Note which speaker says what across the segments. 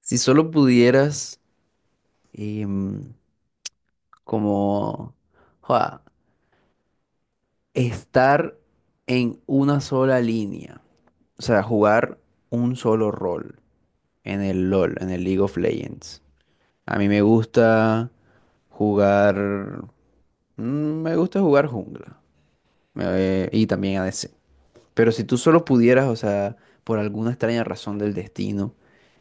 Speaker 1: Si solo pudieras em, como joda, estar en una sola línea, o sea, jugar un solo rol en el LOL, en el League of Legends. A mí me gusta jugar, mm, me gusta jugar jungla y también ADC. Pero si tú solo pudieras, o sea, por alguna extraña razón del destino,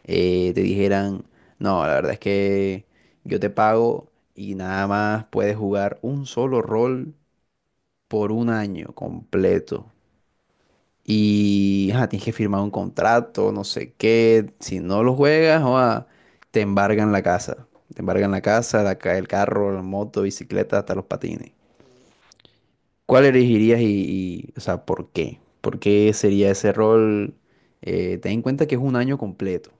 Speaker 1: te dijeran, no, la verdad es que yo te pago y nada más puedes jugar un solo rol por un año completo. Y ajá, tienes que firmar un contrato, no sé qué. Si no lo juegas, joa, te embargan la casa. Te embargan la casa, el carro, la moto, bicicleta, hasta los patines. ¿Cuál elegirías o sea, por qué? ¿Por qué sería ese rol? Ten en cuenta que es un año completo.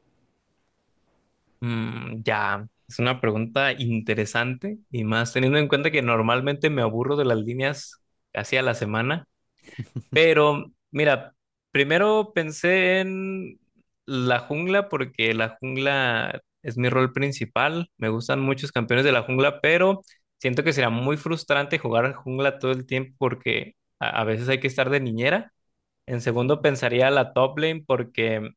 Speaker 2: Ya, es una pregunta interesante y más teniendo en cuenta que normalmente me aburro de las líneas casi a la semana, pero mira, primero pensé en la jungla porque la jungla es mi rol principal, me gustan muchos campeones de la jungla, pero siento que será muy frustrante jugar jungla todo el tiempo porque a veces hay que estar de niñera. En segundo pensaría la top lane porque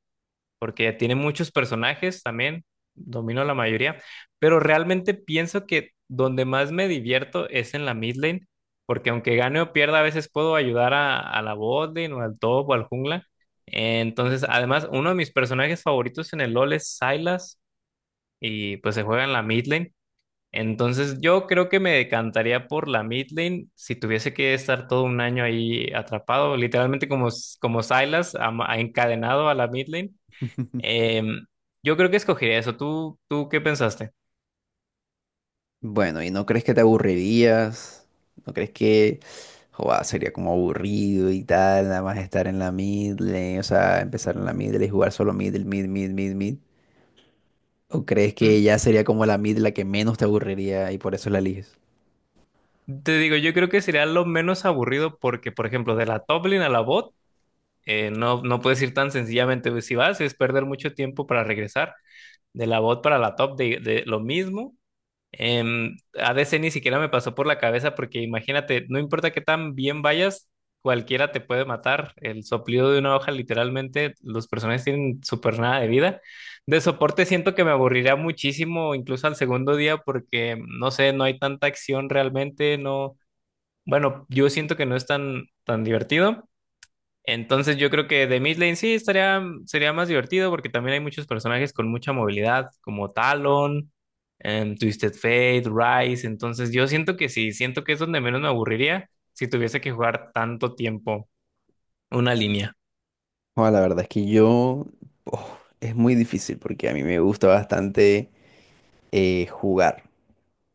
Speaker 2: tiene muchos personajes también, domino la mayoría, pero realmente pienso que donde más me divierto es en la mid lane, porque aunque gane o pierda, a veces puedo ayudar a la bot lane o al top o al jungla. Entonces, además, uno de mis personajes favoritos en el LoL es Sylas y pues se juega en la mid lane. Entonces, yo creo que me decantaría por la mid lane si tuviese que estar todo un año ahí atrapado, literalmente como, como Sylas, encadenado a la mid lane. Em, yo creo que escogería eso. ¿Tú qué pensaste?
Speaker 1: Bueno, ¿y no crees que te aburrirías? ¿No crees que joa, sería como aburrido y tal, nada más estar en la mid lane, o sea, empezar en la mid lane y jugar solo mid, mid, mid, mid, mid? ¿O crees
Speaker 2: Mm,
Speaker 1: que ya sería como la mid la que menos te aburriría y por eso la eliges?
Speaker 2: Te digo, yo creo que sería lo menos aburrido porque, por ejemplo, de la top lane a la bot, no, puedes ir tan sencillamente. Si vas, es perder mucho tiempo para regresar. De la bot para la top, de lo mismo. ADC ni siquiera me pasó por la cabeza porque imagínate, no importa qué tan bien vayas, cualquiera te puede matar. El soplido de una hoja, literalmente, los personajes tienen súper nada de vida. De soporte siento que me aburriría muchísimo, incluso al segundo día, porque no sé, no hay tanta acción realmente, no. Bueno, yo siento que no es tan divertido. Entonces yo creo que de mid lane sí estaría, sería más divertido porque también hay muchos personajes con mucha movilidad, como Talon, Twisted Fate, Ryze. Entonces yo siento que sí, siento que es donde menos me aburriría si tuviese que jugar tanto tiempo una línea.
Speaker 1: Joa, la verdad es que yo, oh, es muy difícil porque a mí me gusta bastante jugar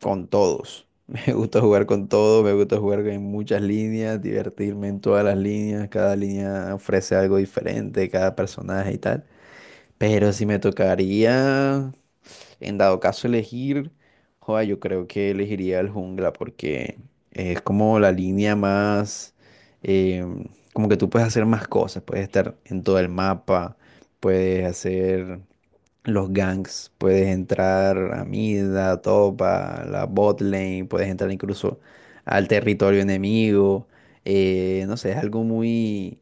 Speaker 1: con todos. Me gusta jugar con todo, me gusta jugar en muchas líneas, divertirme en todas las líneas, cada línea ofrece algo diferente, cada personaje y tal. Pero si me tocaría, en dado caso elegir, joda, yo creo que elegiría el jungla porque es como la línea más, em, como que tú puedes hacer más cosas, puedes estar en todo el mapa, puedes hacer los ganks, puedes entrar a mid, a top, a la bot lane, puedes entrar incluso al territorio enemigo. No sé, es algo muy,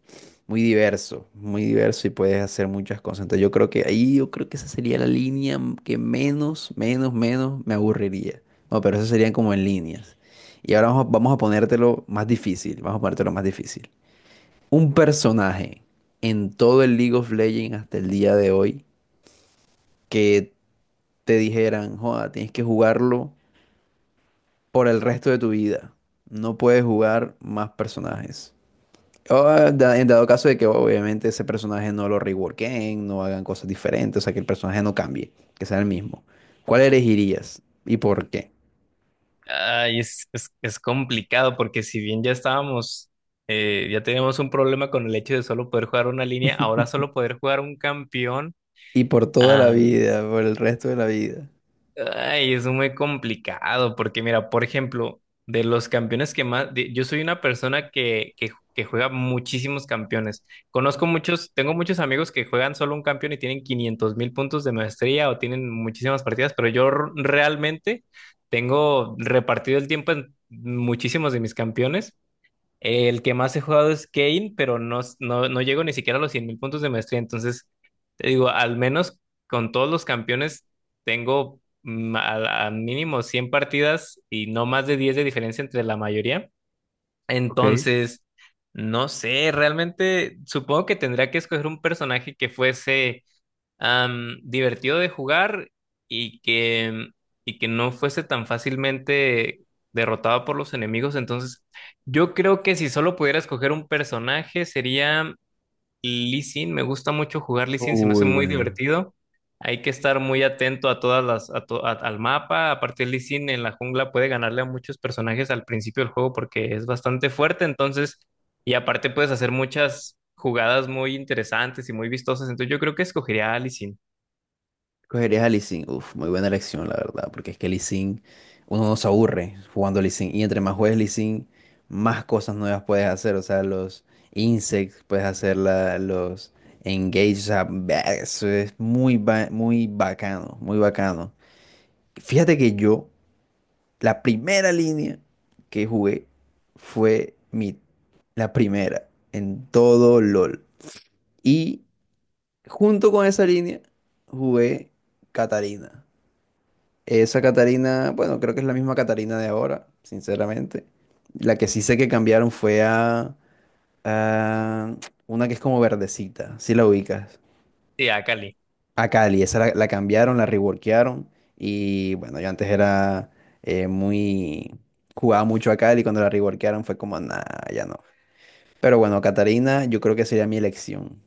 Speaker 1: muy diverso y puedes hacer muchas cosas. Entonces yo creo que ahí yo creo que esa sería la línea que menos, menos, menos me aburriría. No, pero eso serían como en líneas. Y ahora vamos a ponértelo más difícil, vamos a ponértelo más difícil. Un personaje en todo el League of Legends hasta el día de hoy que te dijeran, joda, tienes que jugarlo por el resto de tu vida. No puedes jugar más personajes. O, en dado caso de que obviamente ese personaje no lo reworken, no hagan cosas diferentes, o sea, que el personaje no cambie, que sea el mismo. ¿Cuál elegirías y por qué?
Speaker 2: Ay, es complicado porque si bien ya estábamos, ya teníamos un problema con el hecho de solo poder jugar una línea, ahora solo poder jugar un campeón.
Speaker 1: Y por toda la
Speaker 2: ah,
Speaker 1: vida, por el resto de la vida.
Speaker 2: Ay, es muy complicado porque mira, por ejemplo, de los campeones que más, yo soy una persona que juega muchísimos campeones. Conozco muchos, tengo muchos amigos que juegan solo un campeón y tienen 500.000 puntos de maestría o tienen muchísimas partidas, pero yo realmente tengo repartido el tiempo en muchísimos de mis campeones. El que más he jugado es Kane, pero no llego ni siquiera a los 100.000 puntos de maestría. Entonces, te digo, al menos con todos los campeones tengo a mínimo 100 partidas y no más de 10 de diferencia entre la mayoría.
Speaker 1: Ok.
Speaker 2: Entonces, no sé, realmente supongo que tendría que escoger un personaje que fuese divertido de jugar y y que no fuese tan fácilmente derrotado por los enemigos. Entonces, yo creo que si solo pudiera escoger un personaje sería Lee Sin. Me gusta mucho jugar Lee Sin, se me hace
Speaker 1: Uy,
Speaker 2: muy
Speaker 1: bueno.
Speaker 2: divertido. Hay que estar muy atento a todas las, al mapa. Aparte, Lee Sin en la jungla puede ganarle a muchos personajes al principio del juego porque es bastante fuerte. Entonces, y aparte puedes hacer muchas jugadas muy interesantes y muy vistosas. Entonces, yo creo que escogería a Lee.
Speaker 1: Cogerías a Lee Sin. Uf, muy buena elección, la verdad, porque es que Lee Sin, uno no se aburre jugando Lee Sin. Y entre más juegues Lee Sin, más cosas nuevas puedes hacer. O sea, los insects, puedes hacer los engage. O sea, eso es muy, muy bacano, muy bacano. Fíjate que yo, la primera línea que jugué fue mi, la primera en todo LOL. Y junto con esa línea, jugué Catarina. Esa Catarina, bueno, creo que es la misma Catarina de ahora, sinceramente. La que sí sé que cambiaron fue a una que es como verdecita, si la ubicas.
Speaker 2: Sí, a Cali.
Speaker 1: A Cali, esa la cambiaron, la reworkearon. Y bueno, yo antes era muy... Jugaba mucho a Cali, cuando la reworkearon fue como, nada, ya no. Pero bueno, Catarina yo creo que sería mi elección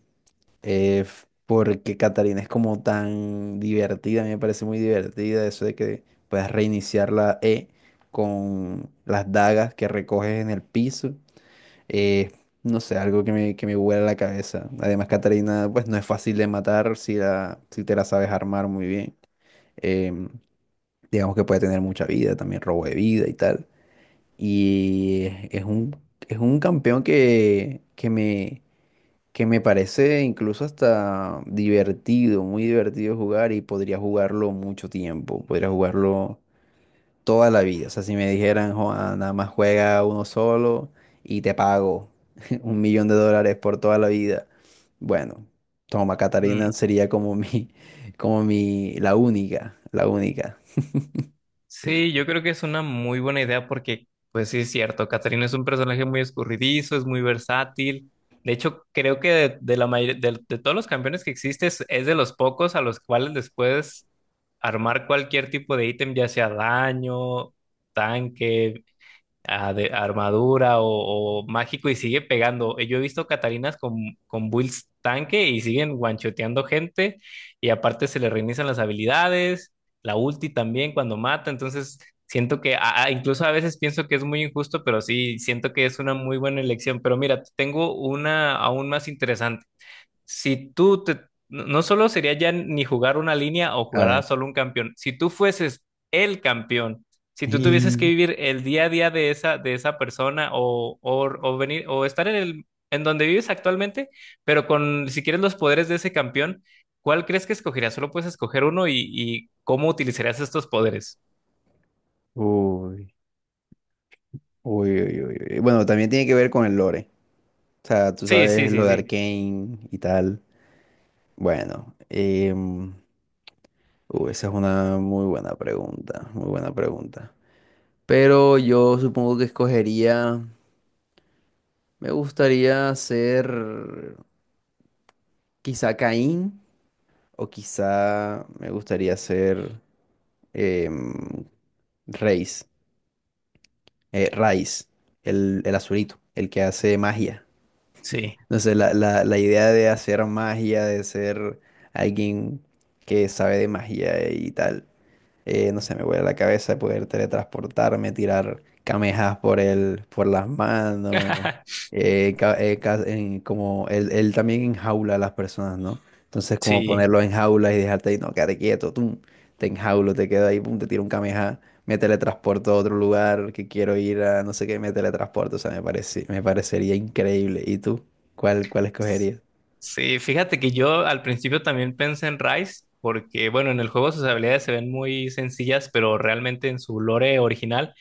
Speaker 1: porque Catarina es como tan divertida, a mí me parece muy divertida eso de que puedas reiniciar la E con las dagas que recoges en el piso. eh, no sé, algo que que me vuela la cabeza. Además, Catarina, pues no es fácil de matar si, la, si te la sabes armar muy bien. Em, digamos que puede tener mucha vida, también robo de vida y tal. Y es es un campeón que me parece incluso hasta divertido, muy divertido jugar y podría jugarlo mucho tiempo, podría jugarlo toda la vida. O sea, si me dijeran, "Joa, nada más juega uno solo y te pago un millón de dólares por toda la vida. Bueno, toma, Catarina
Speaker 2: Mm,
Speaker 1: sería como mi, como mi, la única, la única.
Speaker 2: Sí, yo creo que es una muy buena idea porque, pues sí, es cierto, Catarina es un personaje muy escurridizo, es muy versátil. De hecho, creo que de la de todos los campeones que existes, es de los pocos a los cuales les puedes armar cualquier tipo de ítem, ya sea daño, tanque, armadura o mágico y sigue pegando. Yo he visto Catalinas con builds tanque y siguen guanchoteando gente y aparte se le reinician las habilidades, la ulti también cuando mata, entonces siento que incluso a veces pienso que es muy injusto, pero sí siento que es una muy buena elección. Pero mira, tengo una aún más interesante si no solo sería ya ni jugar una línea o
Speaker 1: A
Speaker 2: jugará
Speaker 1: ver.
Speaker 2: solo un campeón, si tú fueses el campeón, si tú tuvieses que
Speaker 1: Y-
Speaker 2: vivir el día a día de esa persona o venir o estar en el, en donde vives actualmente, pero con, si quieres los poderes de ese campeón, ¿cuál crees que escogerías? Solo puedes escoger uno y ¿cómo utilizarías estos poderes?
Speaker 1: Uy, uy, uy, uy, uy. Bueno, también tiene que ver con el lore. O sea, tú
Speaker 2: Sí, sí,
Speaker 1: sabes
Speaker 2: sí,
Speaker 1: lo de
Speaker 2: sí,
Speaker 1: Arcane y tal. Bueno, esa es una muy buena pregunta, muy buena pregunta. Pero yo supongo que escogería, me gustaría ser quizá Caín o quizá me gustaría ser em, Reis, Raiz, el azulito, el que hace magia.
Speaker 2: sí.
Speaker 1: No sé, la idea de hacer magia, de ser alguien que sabe de magia y tal. No sé, me vuela la cabeza poder teletransportarme, tirar camejas por por las manos, como él también enjaula a las personas, ¿no? Entonces como
Speaker 2: Sí.
Speaker 1: ponerlo en jaula y dejarte ahí, no, quédate quieto, tú, te enjaulo, te quedo ahí, pum, te tiro un cameja, me teletransporto a otro lugar que quiero ir a, no sé qué, me teletransporto, o sea, me parece, me parecería increíble. ¿Y tú? ¿Cuál, cuál escogerías?
Speaker 2: Sí, fíjate que yo al principio también pensé en Rice, porque bueno, en el juego sus habilidades se ven muy sencillas, pero realmente en su lore original,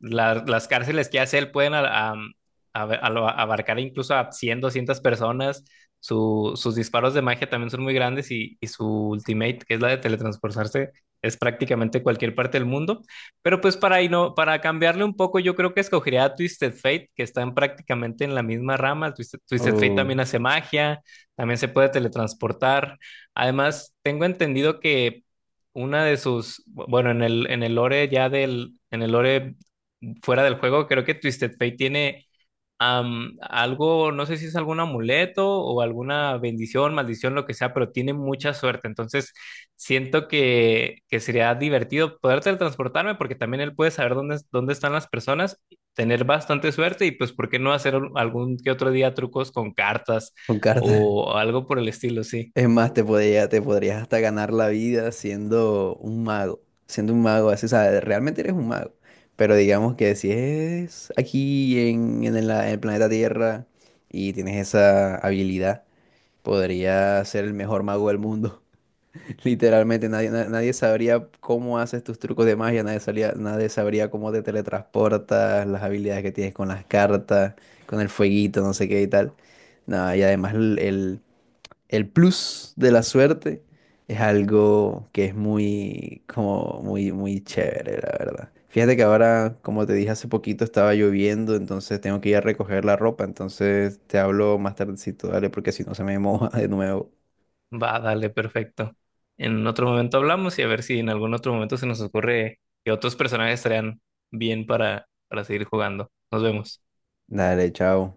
Speaker 2: las cárceles que hace él pueden abarcar incluso a 100 200 personas. Sus disparos de magia también son muy grandes y su ultimate, que es la de teletransportarse, es prácticamente cualquier parte del mundo. Pero pues para, para cambiarle un poco, yo creo que escogería a Twisted Fate, que están prácticamente en la misma rama. Twisted Fate
Speaker 1: Uh,
Speaker 2: también hace magia, también se puede teletransportar. Además, tengo entendido que una de sus, bueno, en el lore ya del, en el lore fuera del juego, creo que Twisted Fate tiene algo, no sé si es algún amuleto o alguna bendición, maldición, lo que sea, pero tiene mucha suerte. Entonces, siento que sería divertido poder teletransportarme porque también él puede saber dónde, dónde están las personas, tener bastante suerte y pues, ¿por qué no hacer algún que otro día trucos con cartas
Speaker 1: con cartas.
Speaker 2: o algo por el estilo? Sí,
Speaker 1: Es más, te podrías hasta ganar la vida siendo un mago, así, o sea, realmente eres un mago, pero digamos que si es aquí en en el planeta Tierra y tienes esa habilidad, podrías ser el mejor mago del mundo. Literalmente nadie, nadie sabría cómo haces tus trucos de magia, nadie sabría, nadie sabría cómo te teletransportas, las habilidades que tienes con las cartas, con el fueguito, no sé qué y tal. No, y además el plus de la suerte es algo que es muy, como, muy, muy chévere, la verdad. Fíjate que ahora, como te dije hace poquito, estaba lloviendo, entonces tengo que ir a recoger la ropa, entonces te hablo más tardecito, dale, porque si no se me moja de nuevo.
Speaker 2: va, dale, perfecto. En otro momento hablamos y a ver si en algún otro momento se nos ocurre que otros personajes estarían bien para seguir jugando. Nos vemos.
Speaker 1: Dale, chao.